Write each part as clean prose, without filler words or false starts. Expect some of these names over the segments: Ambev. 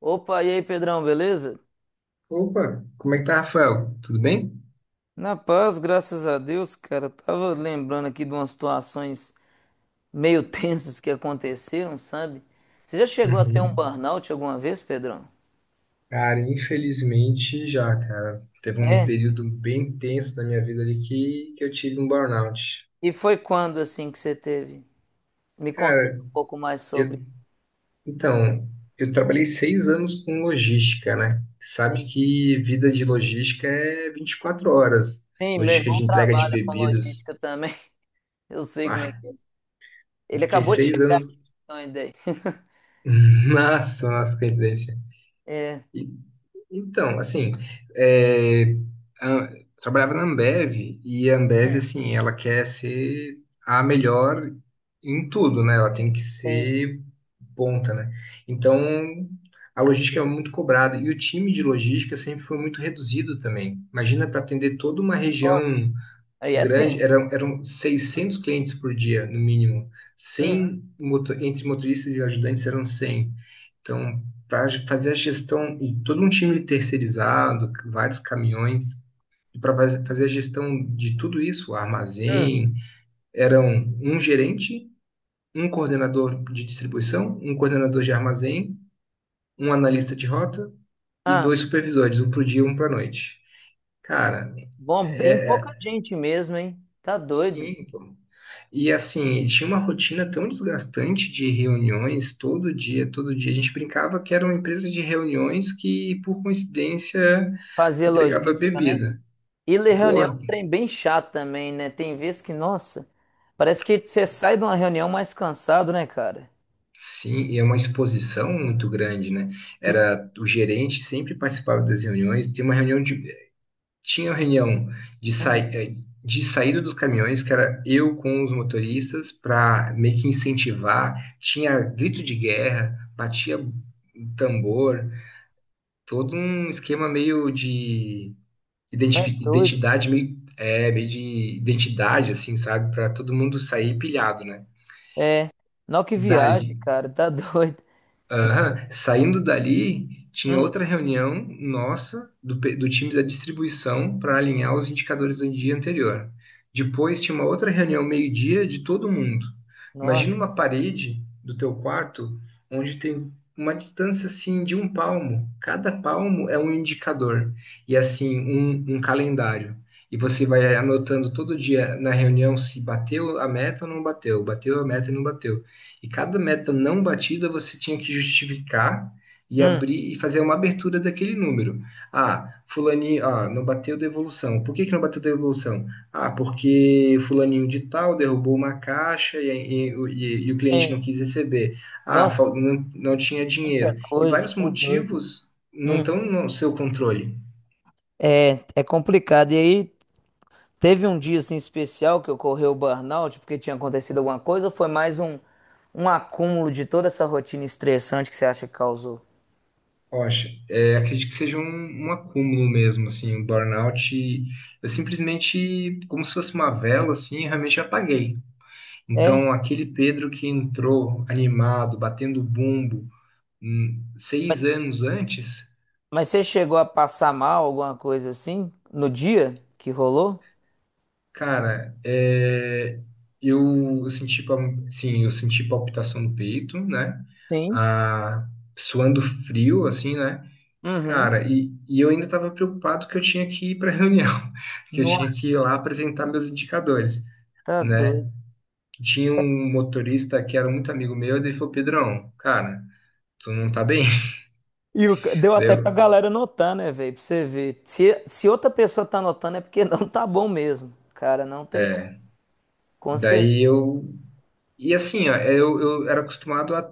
Opa, e aí, Pedrão, beleza? Opa, como é que tá, Rafael? Tudo bem? Na paz, graças a Deus, cara. Eu tava lembrando aqui de umas situações meio tensas que aconteceram, sabe? Você já chegou a ter um Uhum. burnout alguma vez, Pedrão? Cara, infelizmente já, cara. Teve um É? período bem tenso da minha vida ali que eu tive um burnout. E foi quando, assim, que você teve? Me conta Cara, um pouco mais sobre. eu, então, eu trabalhei 6 anos com logística, né? Sabe Sim. que vida de logística é 24 horas. Sim, meu Logística irmão de entrega de trabalha com bebidas. logística também. Eu sei como é Ah, que é. eu Ele fiquei acabou de seis chegar aqui, anos. pra você ter uma ideia. Nossa, nossa, coincidência. É, Então, assim, é, a- trabalhava na Ambev e a Ambev, assim, ela quer ser a melhor em tudo, né? Ela tem que sim. ser ponta, né? Então, a logística é muito cobrada e o time de logística sempre foi muito reduzido também. Imagina para atender toda uma região Nossa. Aí é grande, tenso. Eram 600 clientes por dia, no mínimo. Uhum. Entre motoristas e ajudantes eram 100. Então, para fazer a gestão e todo um time terceirizado, vários caminhões, e para fazer a gestão de tudo isso, o Hum. armazém, eram um gerente, um coordenador de distribuição, um coordenador de armazém, um analista de rota e Ah. dois supervisores, um para o dia e um para a noite. Cara, Bom, bem é, pouca é- gente mesmo, hein? Tá doido. sim. Pô. E assim, tinha uma rotina tão desgastante de reuniões todo dia, todo dia. A gente brincava que era uma empresa de reuniões que, por coincidência, Fazer entregava logística, né? bebida. E ler Pô, reunião é um trem bem chato também, né? Tem vezes que, nossa, parece que você sai de uma reunião mais cansado, né, cara? sim, e é uma exposição muito grande, né? Era o gerente sempre participava das reuniões. Tem uma reunião de Tinha uma reunião de sai, Hum, eh, de saída dos caminhões que era eu com os motoristas para meio que incentivar. Tinha grito de guerra, batia tambor, todo um esquema meio de tá doido. Identidade, assim, sabe? Para todo mundo sair pilhado, né? É. Não, que Dali, viagem, cara, tá doido. Aham. Saindo dali, tinha Hum, outra reunião nossa, do time da distribuição, para alinhar os indicadores do dia anterior. Depois tinha uma outra reunião meio-dia de todo mundo. Imagina uma nossa. parede do teu quarto onde tem uma distância assim de um palmo. Cada palmo é um indicador e assim um calendário. E você vai anotando todo dia na reunião se bateu a meta ou não bateu, bateu a meta e não bateu. E cada meta não batida você tinha que justificar e Hum, abrir e fazer uma abertura daquele número. Ah, fulaninho, ah, não bateu devolução. Por que que não bateu devolução? Ah, porque fulaninho de tal derrubou uma caixa e o cliente não sim. quis receber. Ah, Nossa, não, não tinha muita dinheiro. E coisa, vários tá doido. motivos não Hum, estão no seu controle. é complicado. E aí, teve um dia assim especial que ocorreu o burnout porque tinha acontecido alguma coisa ou foi mais um acúmulo de toda essa rotina estressante que você acha que causou? Poxa, acredito que seja um acúmulo mesmo, assim, um burnout. Eu simplesmente, como se fosse uma vela, assim, realmente apaguei. É? Então, aquele Pedro que entrou animado, batendo bumbo, Mas, 6 anos antes. mas você chegou a passar mal, alguma coisa assim, no dia que rolou? Cara, eu, eu senti, pal- sim, eu senti palpitação no peito, né? Sim. Ah, suando frio, assim, né? Uhum. Cara, e eu ainda estava preocupado que eu tinha que ir para a reunião, que eu tinha que Nossa, ir lá apresentar meus indicadores, tá doido. né? Tinha um motorista que era muito amigo meu, e ele falou, Pedrão, cara, tu não tá bem? Deu Daí até pra galera notar, né, velho? Pra você ver. Se outra pessoa tá notando é porque não tá bom mesmo. Cara, não tem como. Com certeza. Daí eu. E assim, ó, eu era acostumado a.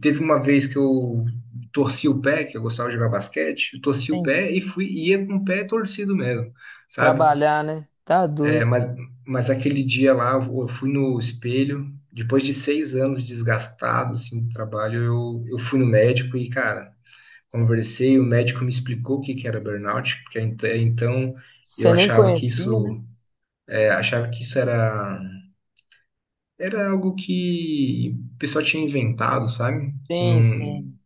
Teve uma vez que eu torci o pé, que eu gostava de jogar basquete, eu torci o pé e ia com o pé torcido mesmo, sabe? Trabalhar, né? Tá É, doido. mas aquele dia lá, eu fui no espelho, depois de 6 anos desgastado, assim, do trabalho, eu fui no médico e, cara, conversei, o médico me explicou o que que era burnout, porque até então eu Você nem achava que conhecia, né? isso, achava que isso era algo que o pessoal tinha inventado, sabe? Que Sim, não, sim.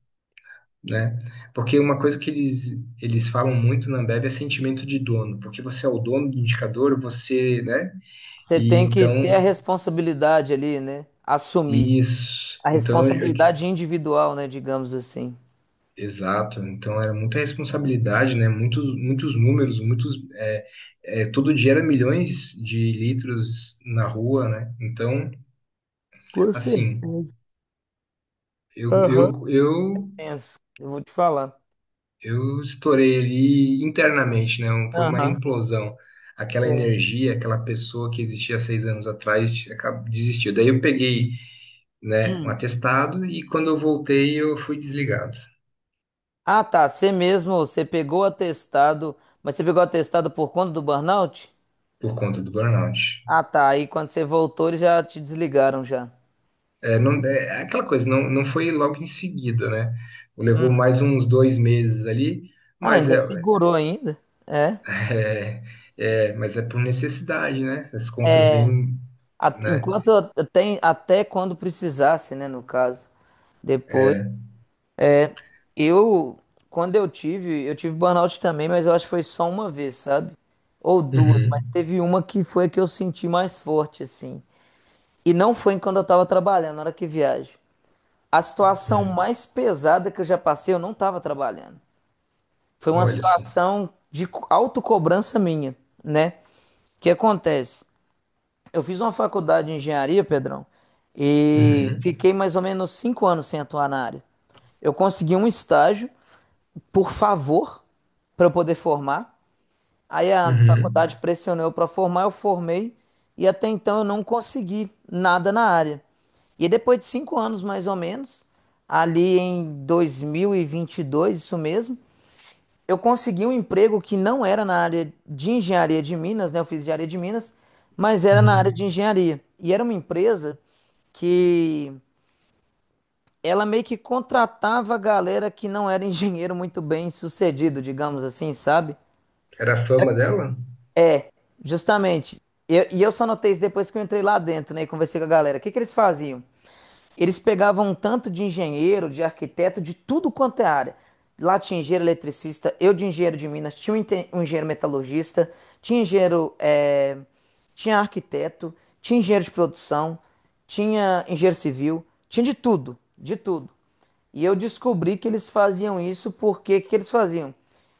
né? Porque uma coisa que eles falam muito na Ambev é sentimento de dono, porque você é o dono do indicador, você, né? Você E tem que então, ter a responsabilidade ali, né? Assumir. isso. A Então, responsabilidade individual, né? Digamos assim. exato. Então, era muita responsabilidade, né? Muitos, muitos números, muitos. Todo dia era milhões de litros na rua, né? Então, Com assim, certeza. eu, Aham. eu, eu Tenso. Eu vou te falar. Eu estourei ali internamente, né? Foi uma Aham. implosão. Aquela É. energia, aquela pessoa que existia há 6 anos atrás desistiu. Daí eu peguei, né, um Hum. atestado e quando eu voltei eu fui desligado Ah, tá. Você mesmo, você pegou o atestado, mas você pegou o atestado por conta do burnout? por conta do burnout. Ah, tá. Aí quando você voltou, eles já te desligaram já. É, não, é aquela coisa, não, não foi logo em seguida, né? Levou mais uns 2 meses ali, Ah, não, mas ainda é, segurou ainda. É. é, mas é por necessidade, né? As contas vêm, A- né? Enquanto até quando precisasse, né? No caso. Depois. Eu, quando eu tive burnout também, mas eu acho que foi só uma vez, sabe? Ou duas, mas Uhum. teve uma que foi a que eu senti mais forte, assim. E não foi quando eu tava trabalhando, na hora que viajo. A situação Uhum. mais pesada que eu já passei, eu não tava trabalhando. Foi uma Olha só. situação de autocobrança minha, né? O que acontece? Eu fiz uma faculdade de engenharia, Pedrão, e Uhum, fiquei mais ou menos 5 anos sem atuar na área. Eu consegui um estágio por favor, para eu poder formar. Aí a uhum, faculdade pressionou para formar, eu formei e até então eu não consegui nada na área. E depois de 5 anos mais ou menos, ali em dois mil e vinte e dois isso mesmo, eu consegui um emprego que não era na área de engenharia de Minas, né? Eu fiz engenharia de Minas, mas era na área uhum. de engenharia. E era uma empresa que ela meio que contratava a galera que não era engenheiro muito bem sucedido, digamos assim, sabe? Era a fama dela? Justamente. E eu só notei isso depois que eu entrei lá dentro, né, e conversei com a galera. O que que eles faziam? Eles pegavam um tanto de engenheiro, de arquiteto, de tudo quanto é área. Lá tinha engenheiro eletricista, eu de engenheiro de Minas, tinha um engenheiro metalurgista, tinha engenheiro, tinha arquiteto, tinha engenheiro de produção, tinha engenheiro civil, tinha de tudo, de tudo. E eu descobri que eles faziam isso porque que eles faziam?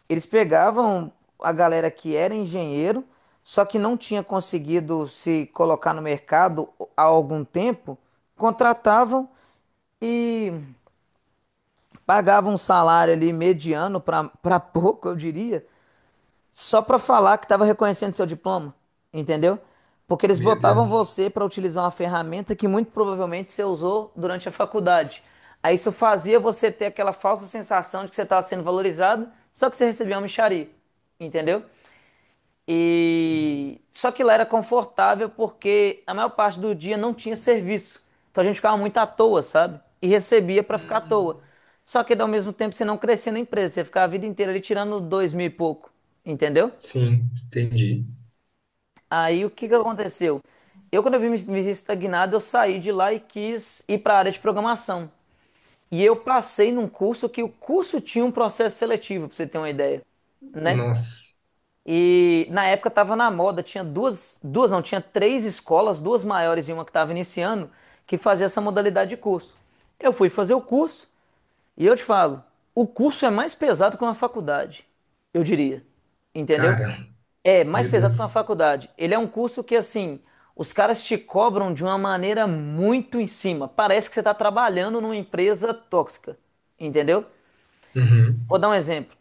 Eles pegavam a galera que era engenheiro, só que não tinha conseguido se colocar no mercado há algum tempo, contratavam e pagavam um salário ali mediano para pouco, eu diria, só para falar que tava reconhecendo seu diploma, entendeu? Porque eles Meu botavam Deus. você para utilizar uma ferramenta que muito provavelmente você usou durante a faculdade. Aí isso fazia você ter aquela falsa sensação de que você estava sendo valorizado, só que você recebia uma mixaria, entendeu? E só que lá era confortável porque a maior parte do dia não tinha serviço. Então a gente ficava muito à toa, sabe? E recebia para ficar à toa. Hum, Só que ao mesmo tempo você não crescia na empresa, você ficava a vida inteira ali tirando dois mil e pouco, entendeu? sim, entendi. Aí o que que aconteceu? Quando eu me vi estagnado, eu saí de lá e quis ir para a área de programação. E eu passei num curso que o curso tinha um processo seletivo, para você ter uma ideia, né? Nossa, E na época estava na moda, tinha duas, duas não, tinha três escolas, duas maiores e uma que estava iniciando, que fazia essa modalidade de curso. Eu fui fazer o curso e eu te falo, o curso é mais pesado que uma faculdade, eu diria. Entendeu? cara, É mais meu pesado que uma Deus. faculdade. Ele é um curso que, assim, os caras te cobram de uma maneira muito em cima. Parece que você está trabalhando numa empresa tóxica, entendeu? Uhum, Vou dar um exemplo.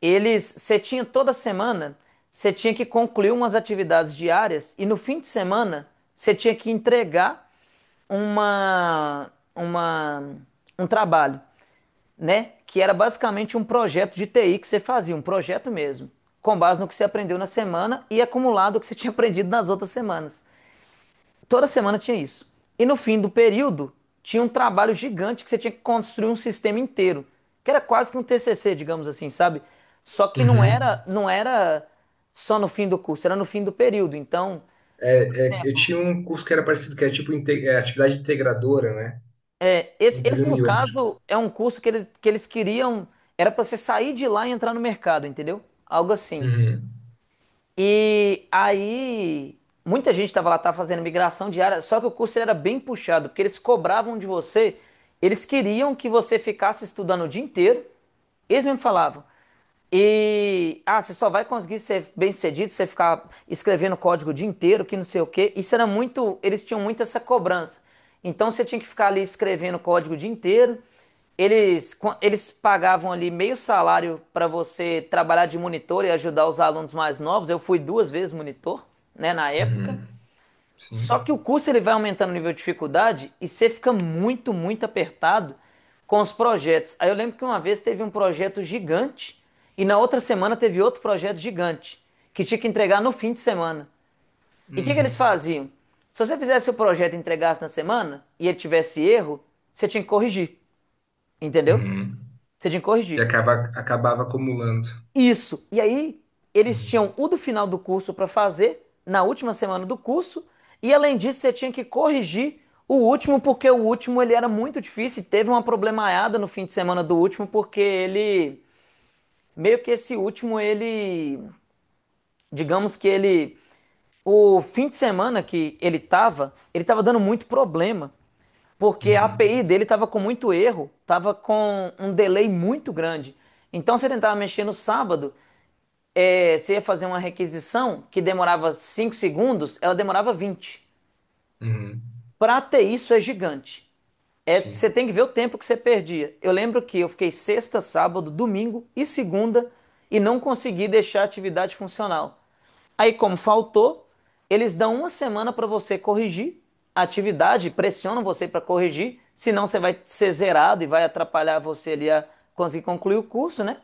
Você tinha toda semana, você tinha que concluir umas atividades diárias e no fim de semana você tinha que entregar uma, uma, um trabalho, né? Que era basicamente um projeto de TI que você fazia, um projeto mesmo, com base no que você aprendeu na semana e acumulado o que você tinha aprendido nas outras semanas. Toda semana tinha isso. E no fim do período, tinha um trabalho gigante que você tinha que construir um sistema inteiro, que era quase que um TCC, digamos assim, sabe? Só que não uhum. era, não era só no fim do curso, era no fim do período. Então, por Eu exemplo, tinha um curso que era parecido, que era tipo atividade integradora, né? Esse, Entre esse um no e outro. caso é um curso que eles queriam, era para você sair de lá e entrar no mercado, entendeu? Algo assim. Uhum, E aí, muita gente estava lá, estava fazendo migração diária, só que o curso ele era bem puxado, porque eles cobravam de você, eles queriam que você ficasse estudando o dia inteiro, eles mesmo falavam. E, você só vai conseguir ser bem-sucedido se você ficar escrevendo código o dia inteiro, que não sei o quê. Isso era muito, eles tinham muito essa cobrança. Então você tinha que ficar ali escrevendo código o dia inteiro. Eles pagavam ali meio salário para você trabalhar de monitor e ajudar os alunos mais novos. Eu fui duas vezes monitor, né, na época. uhum, sim. Só que o curso ele vai aumentando o nível de dificuldade e você fica muito, muito apertado com os projetos. Aí eu lembro que uma vez teve um projeto gigante e na outra semana teve outro projeto gigante que tinha que entregar no fim de semana. E o que que eles Hum, faziam? Se você fizesse o projeto e entregasse na semana e ele tivesse erro, você tinha que corrigir, entendeu? uhum. Você tinha que E corrigir. Acabava acumulando. Isso. E aí, eles Uhum, tinham o do final do curso para fazer, na última semana do curso, e além disso, você tinha que corrigir o último, porque o último ele era muito difícil, e teve uma problemaiada no fim de semana do último, porque ele meio que esse último ele, digamos que ele o fim de semana que ele tava, dando muito problema, porque a uhum, API dele tava com muito erro, tava com um delay muito grande. Então você tentava mexer no sábado, você ia fazer uma requisição que demorava 5 segundos, ela demorava 20. uhum, Para ter isso é gigante. É, você sim, tem que ver o tempo que você perdia. Eu lembro que eu fiquei sexta, sábado, domingo e segunda e não consegui deixar a atividade funcional. Aí, como faltou, eles dão uma semana para você corrigir a atividade, pressionam você para corrigir, senão você vai ser zerado e vai atrapalhar você ali a conseguir concluir o curso, né?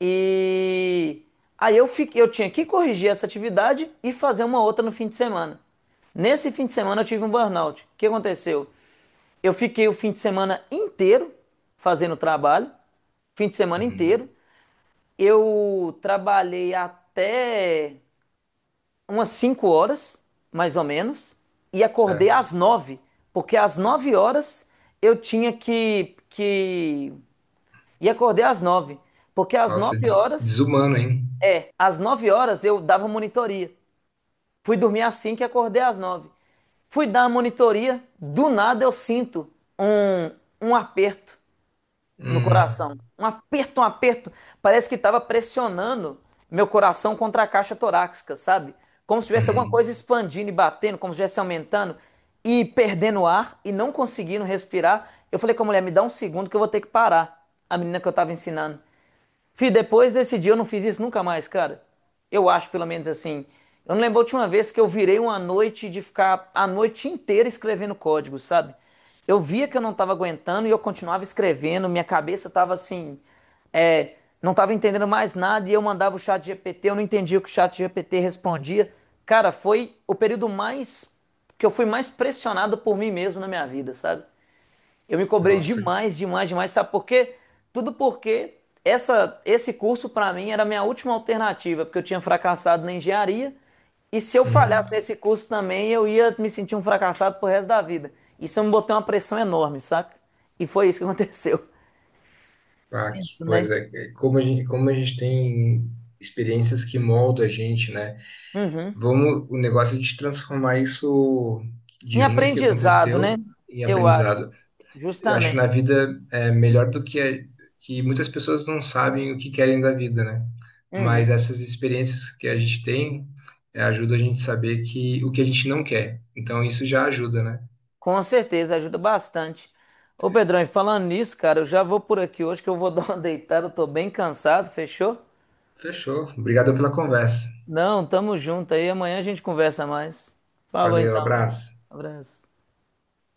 E aí eu fiquei, eu tinha que corrigir essa atividade e fazer uma outra no fim de semana. Nesse fim de semana eu tive um burnout. O que aconteceu? Eu fiquei o fim de semana inteiro fazendo trabalho, fim de semana uhum, inteiro. Eu trabalhei até umas 5 horas, mais ou menos, e acordei certo. às 9 porque às 9 horas eu tinha que e acordei às 9 porque às Nossa, nove horas desumano, hein? é, às nove horas eu dava monitoria. Fui dormir às 5 e acordei às 9. Fui dar a monitoria, do nada eu sinto um, um aperto no Hum, coração. Um aperto, um aperto. Parece que estava pressionando meu coração contra a caixa torácica, sabe? Como se tivesse alguma uhum. coisa expandindo e batendo, como se estivesse aumentando e perdendo ar e não conseguindo respirar. Eu falei com a mulher: me dá um segundo que eu vou ter que parar. A menina que eu estava ensinando. Fih, depois desse dia eu não fiz isso nunca mais, cara. Eu acho, pelo menos assim. Eu não lembro a última vez que eu virei uma noite de ficar a noite inteira escrevendo código, sabe? Eu via que eu não estava aguentando e eu continuava escrevendo, minha cabeça estava assim, é, não estava entendendo mais nada e eu mandava o chat GPT, eu não entendia o que o chat GPT respondia. Cara, foi o período mais que eu fui mais pressionado por mim mesmo na minha vida, sabe? Eu me cobrei Nossa, demais, demais, demais, sabe por quê? Tudo porque esse curso para mim era a minha última alternativa, porque eu tinha fracassado na engenharia, e se eu falhasse uhum. nesse curso também, eu ia me sentir um fracassado pro resto da vida. Isso me botou uma pressão enorme, saca? E foi isso que aconteceu. Ah, que Penso, né? coisa. Como a gente tem experiências que moldam a gente, né? Vamos, o negócio é de transformar isso Em de ruim que aprendizado, né? aconteceu em Eu acho, aprendizado. Eu acho que na justamente. vida é melhor do que que muitas pessoas não sabem o que querem da vida, né? Mas essas experiências que a gente tem ajuda a gente a saber que o que a gente não quer. Então isso já ajuda, né? Com certeza, ajuda bastante. Ô Pedrão, e falando nisso, cara, eu já vou por aqui hoje que eu vou dar uma deitada, eu tô bem cansado, fechou? Fechou. Obrigado pela conversa. Não, tamo junto aí. Amanhã a gente conversa mais. Falou Valeu, então. abraço. Abraço.